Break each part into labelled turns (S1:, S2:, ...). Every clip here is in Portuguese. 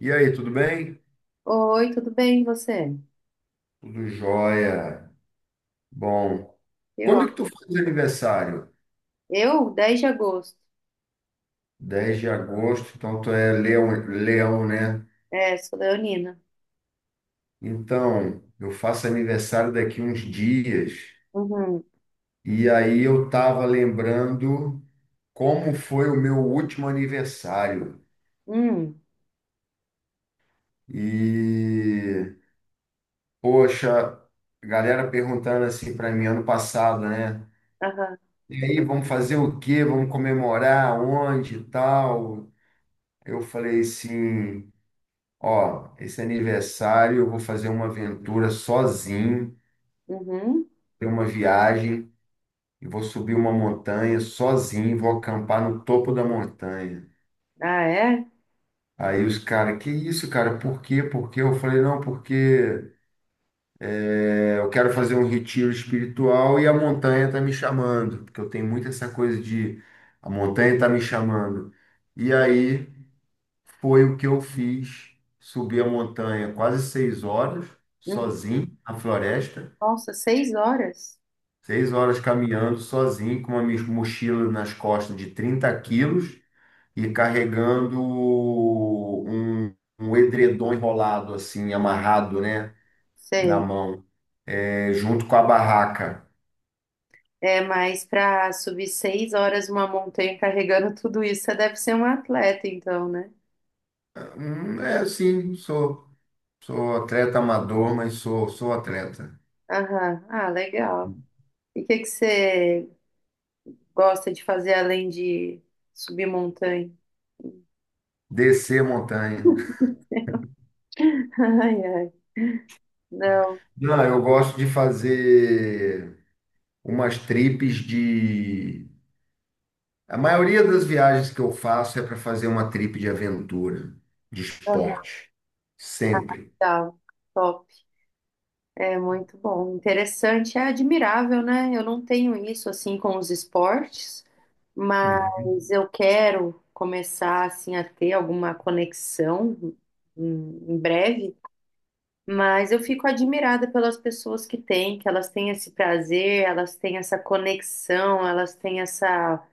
S1: E aí, tudo bem?
S2: Oi, tudo bem, e você?
S1: Tudo jóia. Bom,
S2: Eu, ó,
S1: quando que tu faz aniversário?
S2: eu, 10 de agosto.
S1: 10 de agosto, então tu é leão, leão, né?
S2: É, sou leonina.
S1: Então, eu faço aniversário daqui uns dias.
S2: Uhum.
S1: E aí eu tava lembrando como foi o meu último aniversário.
S2: Hum,
S1: E, poxa, galera perguntando assim para mim ano passado, né?
S2: aham,
S1: E aí, vamos fazer o quê? Vamos comemorar onde e tal? Eu falei assim, ó, esse aniversário eu vou fazer uma aventura sozinho,
S2: uhum.
S1: ter uma viagem, e vou subir uma montanha sozinho, vou acampar no topo da montanha.
S2: Ah, é?
S1: Aí os caras, que isso, cara? Por quê? Por quê? Eu falei, não, porque eu quero fazer um retiro espiritual e a montanha tá me chamando, porque eu tenho muito essa coisa de a montanha tá me chamando. E aí foi o que eu fiz, subi a montanha quase 6 horas,
S2: Uhum.
S1: sozinho, na floresta.
S2: Nossa, 6 horas?
S1: 6 horas caminhando sozinho, com uma mochila nas costas de 30 quilos e carregando um edredom enrolado, assim, amarrado, né, na
S2: Sei.
S1: mão, junto com a barraca.
S2: É, mas para subir 6 horas uma montanha carregando tudo isso, você deve ser um atleta, então, né?
S1: É assim, sou atleta amador, mas sou atleta.
S2: Aham. Ah, legal. E o que que você gosta de fazer além de subir montanha?
S1: Descer montanha.
S2: Ai, ai. Não.
S1: Não, eu gosto de fazer umas tripes de a maioria das viagens que eu faço é para fazer uma trip de aventura, de
S2: Aham,
S1: esporte, sempre.
S2: legal. Top. É muito bom, interessante, é admirável, né? Eu não tenho isso assim com os esportes,
S1: Uhum.
S2: mas eu quero começar assim a ter alguma conexão em breve, mas eu fico admirada pelas pessoas que têm, que elas têm esse prazer, elas têm essa conexão, elas têm essa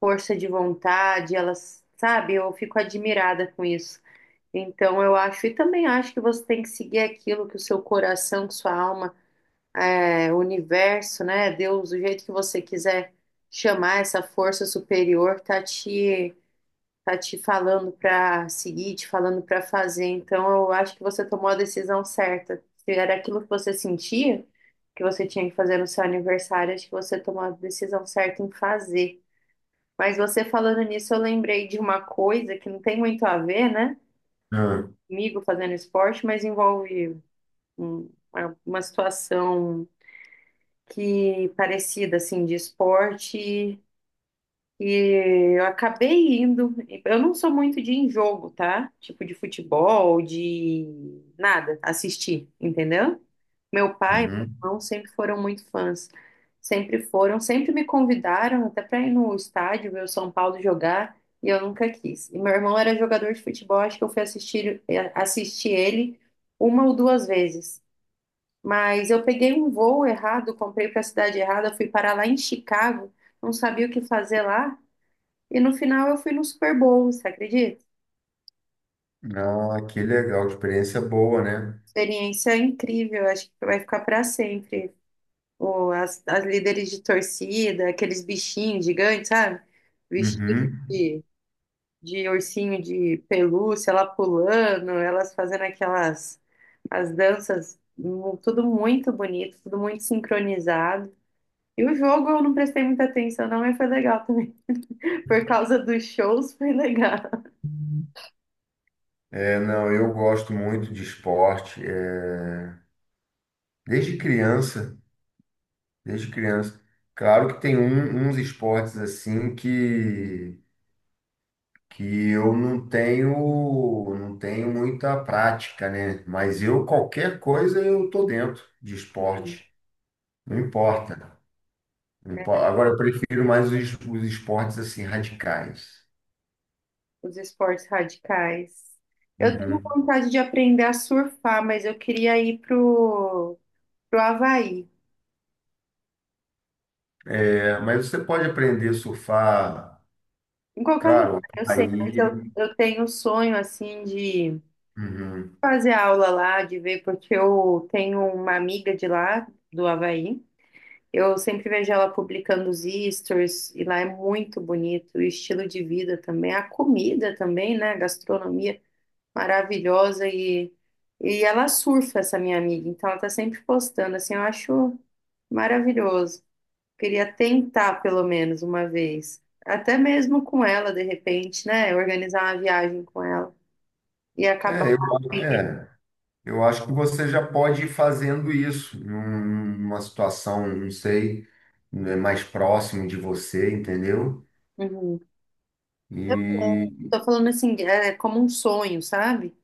S2: força de vontade, elas, sabe, eu fico admirada com isso. Então eu acho, e também acho que você tem que seguir aquilo que o seu coração, que sua alma é, o universo, né? Deus, o jeito que você quiser chamar essa força superior, tá te falando para seguir, te falando para fazer. Então, eu acho que você tomou a decisão certa. Se era aquilo que você sentia que você tinha que fazer no seu aniversário, acho que você tomou a decisão certa em fazer. Mas você falando nisso, eu lembrei de uma coisa que não tem muito a ver, né?
S1: Ah,
S2: Comigo fazendo esporte, mas envolve uma situação que parecida assim de esporte e eu acabei indo. Eu não sou muito de ir em jogo, tá? Tipo de futebol, de nada, assistir, entendeu? Meu pai e meu
S1: uhum.
S2: irmão sempre foram muito fãs. Sempre foram, sempre me convidaram até para ir no estádio ver o São Paulo jogar e eu nunca quis. E meu irmão era jogador de futebol, acho que eu fui assistir ele uma ou duas vezes. Mas eu peguei um voo errado, comprei para a cidade errada, fui parar lá em Chicago, não sabia o que fazer lá, e no final eu fui no Super Bowl, você acredita?
S1: Ah, que legal, experiência boa, né?
S2: Experiência incrível, acho que vai ficar para sempre. As líderes de torcida, aqueles bichinhos gigantes, sabe? Vestidos
S1: Uhum.
S2: de, ursinho de pelúcia, ela pulando, elas fazendo aquelas as danças, tudo muito bonito, tudo muito sincronizado. E o jogo eu não prestei muita atenção, não, mas foi legal também. Por causa dos shows, foi legal.
S1: É, não, eu gosto muito de esporte, desde criança, desde criança. Claro que tem uns esportes assim que eu não tenho muita prática, né? Mas eu qualquer coisa eu tô dentro de esporte. Não
S2: Sim,
S1: importa. Não impo- Agora eu prefiro mais os esportes assim radicais.
S2: os esportes radicais. Eu tenho
S1: Uhum.
S2: vontade de aprender a surfar, mas eu queria ir pro Havaí.
S1: É, mas você pode aprender a surfar,
S2: Em qualquer lugar,
S1: claro,
S2: eu sei, mas eu,
S1: aí.
S2: eu tenho o sonho, assim, de
S1: Uhum.
S2: fazer aula lá, de ver, porque eu tenho uma amiga de lá, do Havaí. Eu sempre vejo ela publicando os stories, e lá é muito bonito, o estilo de vida também, a comida também, né? A gastronomia maravilhosa e ela surfa, essa minha amiga, então ela tá sempre postando, assim, eu acho maravilhoso. Queria tentar pelo menos uma vez, até mesmo com ela, de repente, né? Organizar uma viagem com ela e acabar.
S1: É, eu, é, eu acho que você já pode ir fazendo isso numa situação, não sei, né, mais próximo de você, entendeu?
S2: Uhum.
S1: E,
S2: Tô falando assim, é como um sonho, sabe?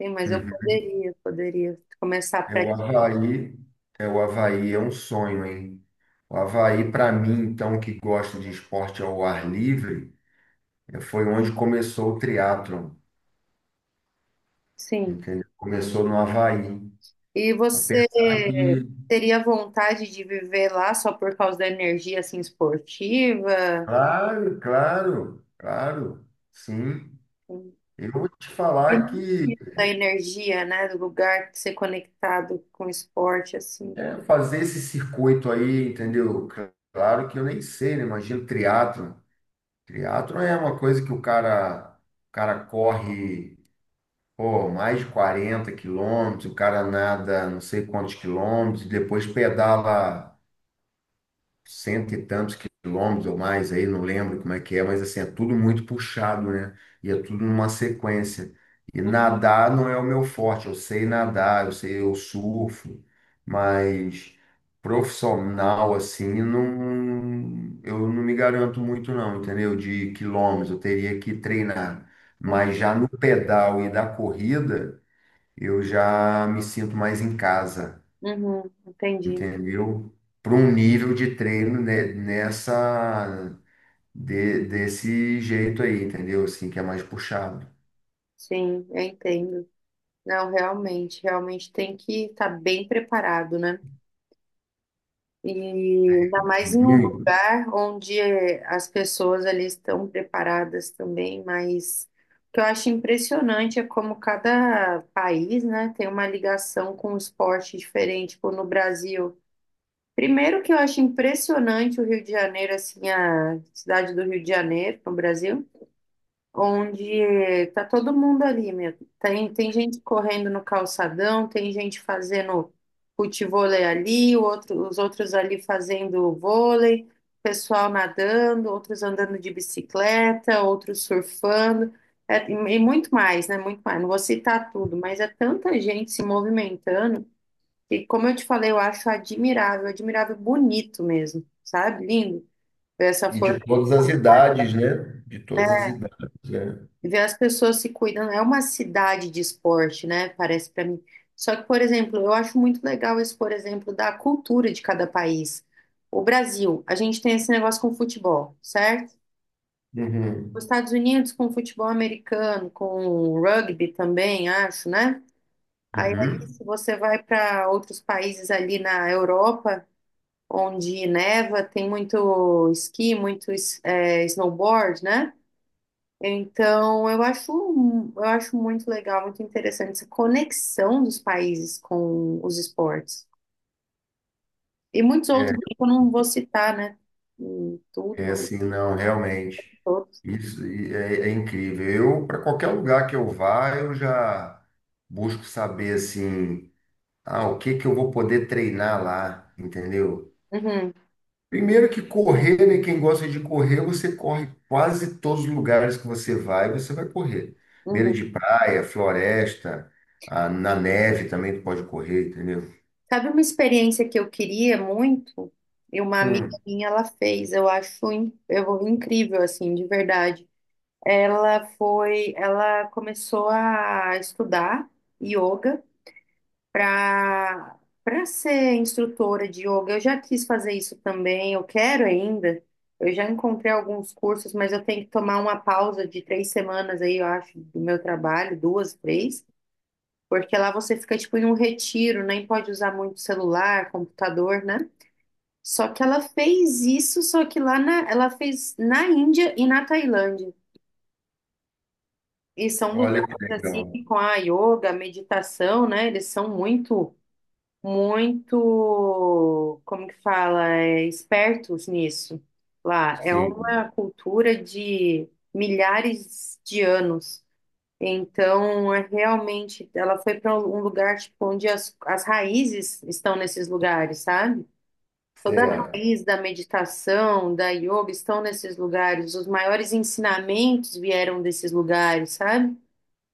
S2: Sim, mas eu
S1: uhum.
S2: poderia começar a
S1: É o
S2: praticar.
S1: Havaí, é o Havaí, é um sonho, hein? O Havaí, para mim, então, que gosta de esporte ao ar livre, foi onde começou o triatlon,
S2: Sim.
S1: entendeu? Começou no Havaí.
S2: E você
S1: Apesar que,
S2: teria vontade de viver lá só por causa da energia assim esportiva?
S1: claro, claro, claro, sim.
S2: Uhum.
S1: Eu vou te falar que
S2: Da energia, né? Do lugar de ser conectado com o esporte, assim.
S1: fazer esse circuito aí, entendeu? Claro que eu nem sei, né? Imagina o triatlon. Triatlon é uma coisa que o cara corre. Pô, mais de 40 quilômetros, o cara nada não sei quantos quilômetros, depois pedala cento e tantos quilômetros ou mais aí, não lembro como é que é, mas assim, é tudo muito puxado, né? E é tudo numa sequência. E nadar não é o meu forte, eu sei nadar, eu sei, eu surfo, mas profissional assim, não, eu não me garanto muito não, entendeu? De quilômetros, eu teria que treinar.
S2: Uhum,
S1: Mas já no pedal e da corrida, eu já me sinto mais em casa,
S2: uhum, entendi.
S1: entendeu? Para um nível de treino né, desse jeito aí, entendeu? Assim, que é mais puxado.
S2: Sim, eu entendo. Não, realmente, realmente tem que estar bem preparado, né? E ainda mais em um
S1: Muito.
S2: lugar onde as pessoas ali estão preparadas também, mas o que eu acho impressionante é como cada país, né, tem uma ligação com um esporte diferente, como no Brasil. Primeiro que eu acho impressionante o Rio de Janeiro, assim, a cidade do Rio de Janeiro, no Brasil, onde tá todo mundo ali mesmo. Tem gente correndo no calçadão, tem gente fazendo futevôlei ali, o outro, os outros ali fazendo vôlei, pessoal nadando, outros andando de bicicleta, outros surfando, é, e muito mais, né? Muito mais. Não vou citar tudo, mas é tanta gente se movimentando que, como eu te falei, eu acho admirável, admirável, bonito mesmo, sabe? Lindo ver essa
S1: E de
S2: força.
S1: todas as idades, né? De todas as idades, né?
S2: Ver as pessoas se cuidando. É uma cidade de esporte, né? Parece para mim. Só que, por exemplo, eu acho muito legal esse, por exemplo, da cultura de cada país. O Brasil, a gente tem esse negócio com futebol, certo? Os
S1: Uhum.
S2: Estados Unidos com futebol americano, com rugby também, acho, né? Aí, ali,
S1: Uhum.
S2: se você vai para outros países ali na Europa, onde neva, tem muito esqui, muito snowboard, né? Então, eu acho, muito legal, muito interessante essa conexão dos países com os esportes. E muitos
S1: É,
S2: outros que eu não vou citar, né? Tudo,
S1: é
S2: mas
S1: assim, não, realmente.
S2: todos.
S1: Isso é incrível. Eu, para qualquer lugar que eu vá, eu já busco saber assim, ah, o que que eu vou poder treinar lá, entendeu?
S2: Uhum,
S1: Primeiro que correr, né? Quem gosta de correr, você corre quase todos os lugares que você vai correr. Beira
S2: uhum.
S1: de praia, floresta, ah, na neve também tu pode correr, entendeu?
S2: Sabe uma experiência que eu queria muito? E uma amiga
S1: Hum,
S2: minha, ela fez. Eu acho incrível, assim, de verdade. Ela começou a estudar yoga. para para ser instrutora de yoga. Eu já quis fazer isso também, eu quero ainda. Eu já encontrei alguns cursos, mas eu tenho que tomar uma pausa de 3 semanas aí, eu acho, do meu trabalho, duas, três, porque lá você fica tipo em um retiro, nem pode usar muito celular, computador, né? Só que ela fez isso, só que ela fez na Índia e na Tailândia. E são lugares
S1: Olha que
S2: assim que
S1: legal.
S2: com a yoga, a meditação, né? Eles são muito muito, como que fala, é, espertos nisso lá. É
S1: Sim,
S2: uma cultura de milhares de anos. Então, é realmente, ela foi para um lugar tipo, onde as raízes estão nesses lugares, sabe? Toda a
S1: certo.
S2: raiz da meditação, da yoga estão nesses lugares. Os maiores ensinamentos vieram desses lugares, sabe?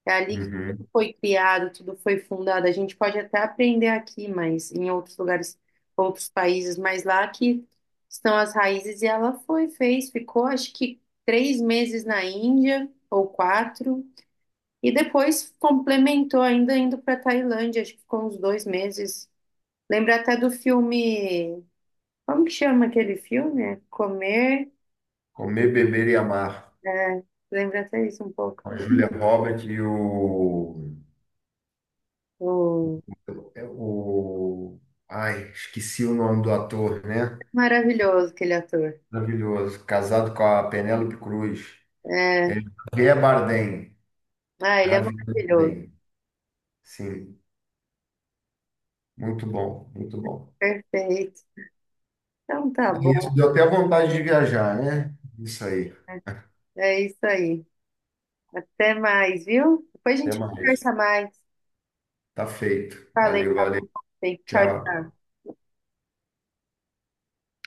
S2: É ali que
S1: Uhum.
S2: tudo foi criado, tudo foi fundado. A gente pode até aprender aqui, mas em outros lugares, outros países, mas lá que estão as raízes. E ela foi, fez, ficou acho que 3 meses na Índia, ou quatro, e depois complementou ainda indo para Tailândia, acho que ficou uns 2 meses. Lembra até do filme. Como que chama aquele filme? É Comer.
S1: Comer, beber e amar.
S2: Lembra até isso um pouco.
S1: Com a Julia Roberts e o,
S2: O...
S1: é o... Ai, esqueci o nome do ator, né?
S2: Maravilhoso aquele ator.
S1: Maravilhoso. Casado com a Penélope Cruz. É
S2: É.
S1: Javier Bardem.
S2: Ah, ele é
S1: Javier
S2: maravilhoso.
S1: Bardem. Sim, muito bom, muito bom.
S2: Perfeito. Então tá
S1: É
S2: bom.
S1: isso, deu até vontade de viajar, né? Isso aí.
S2: É isso aí. Até mais, viu? Depois a
S1: Até
S2: gente
S1: mais.
S2: conversa mais.
S1: Tá feito.
S2: Falei.
S1: Valeu, valeu.
S2: Tchau,
S1: Tchau.
S2: tchau.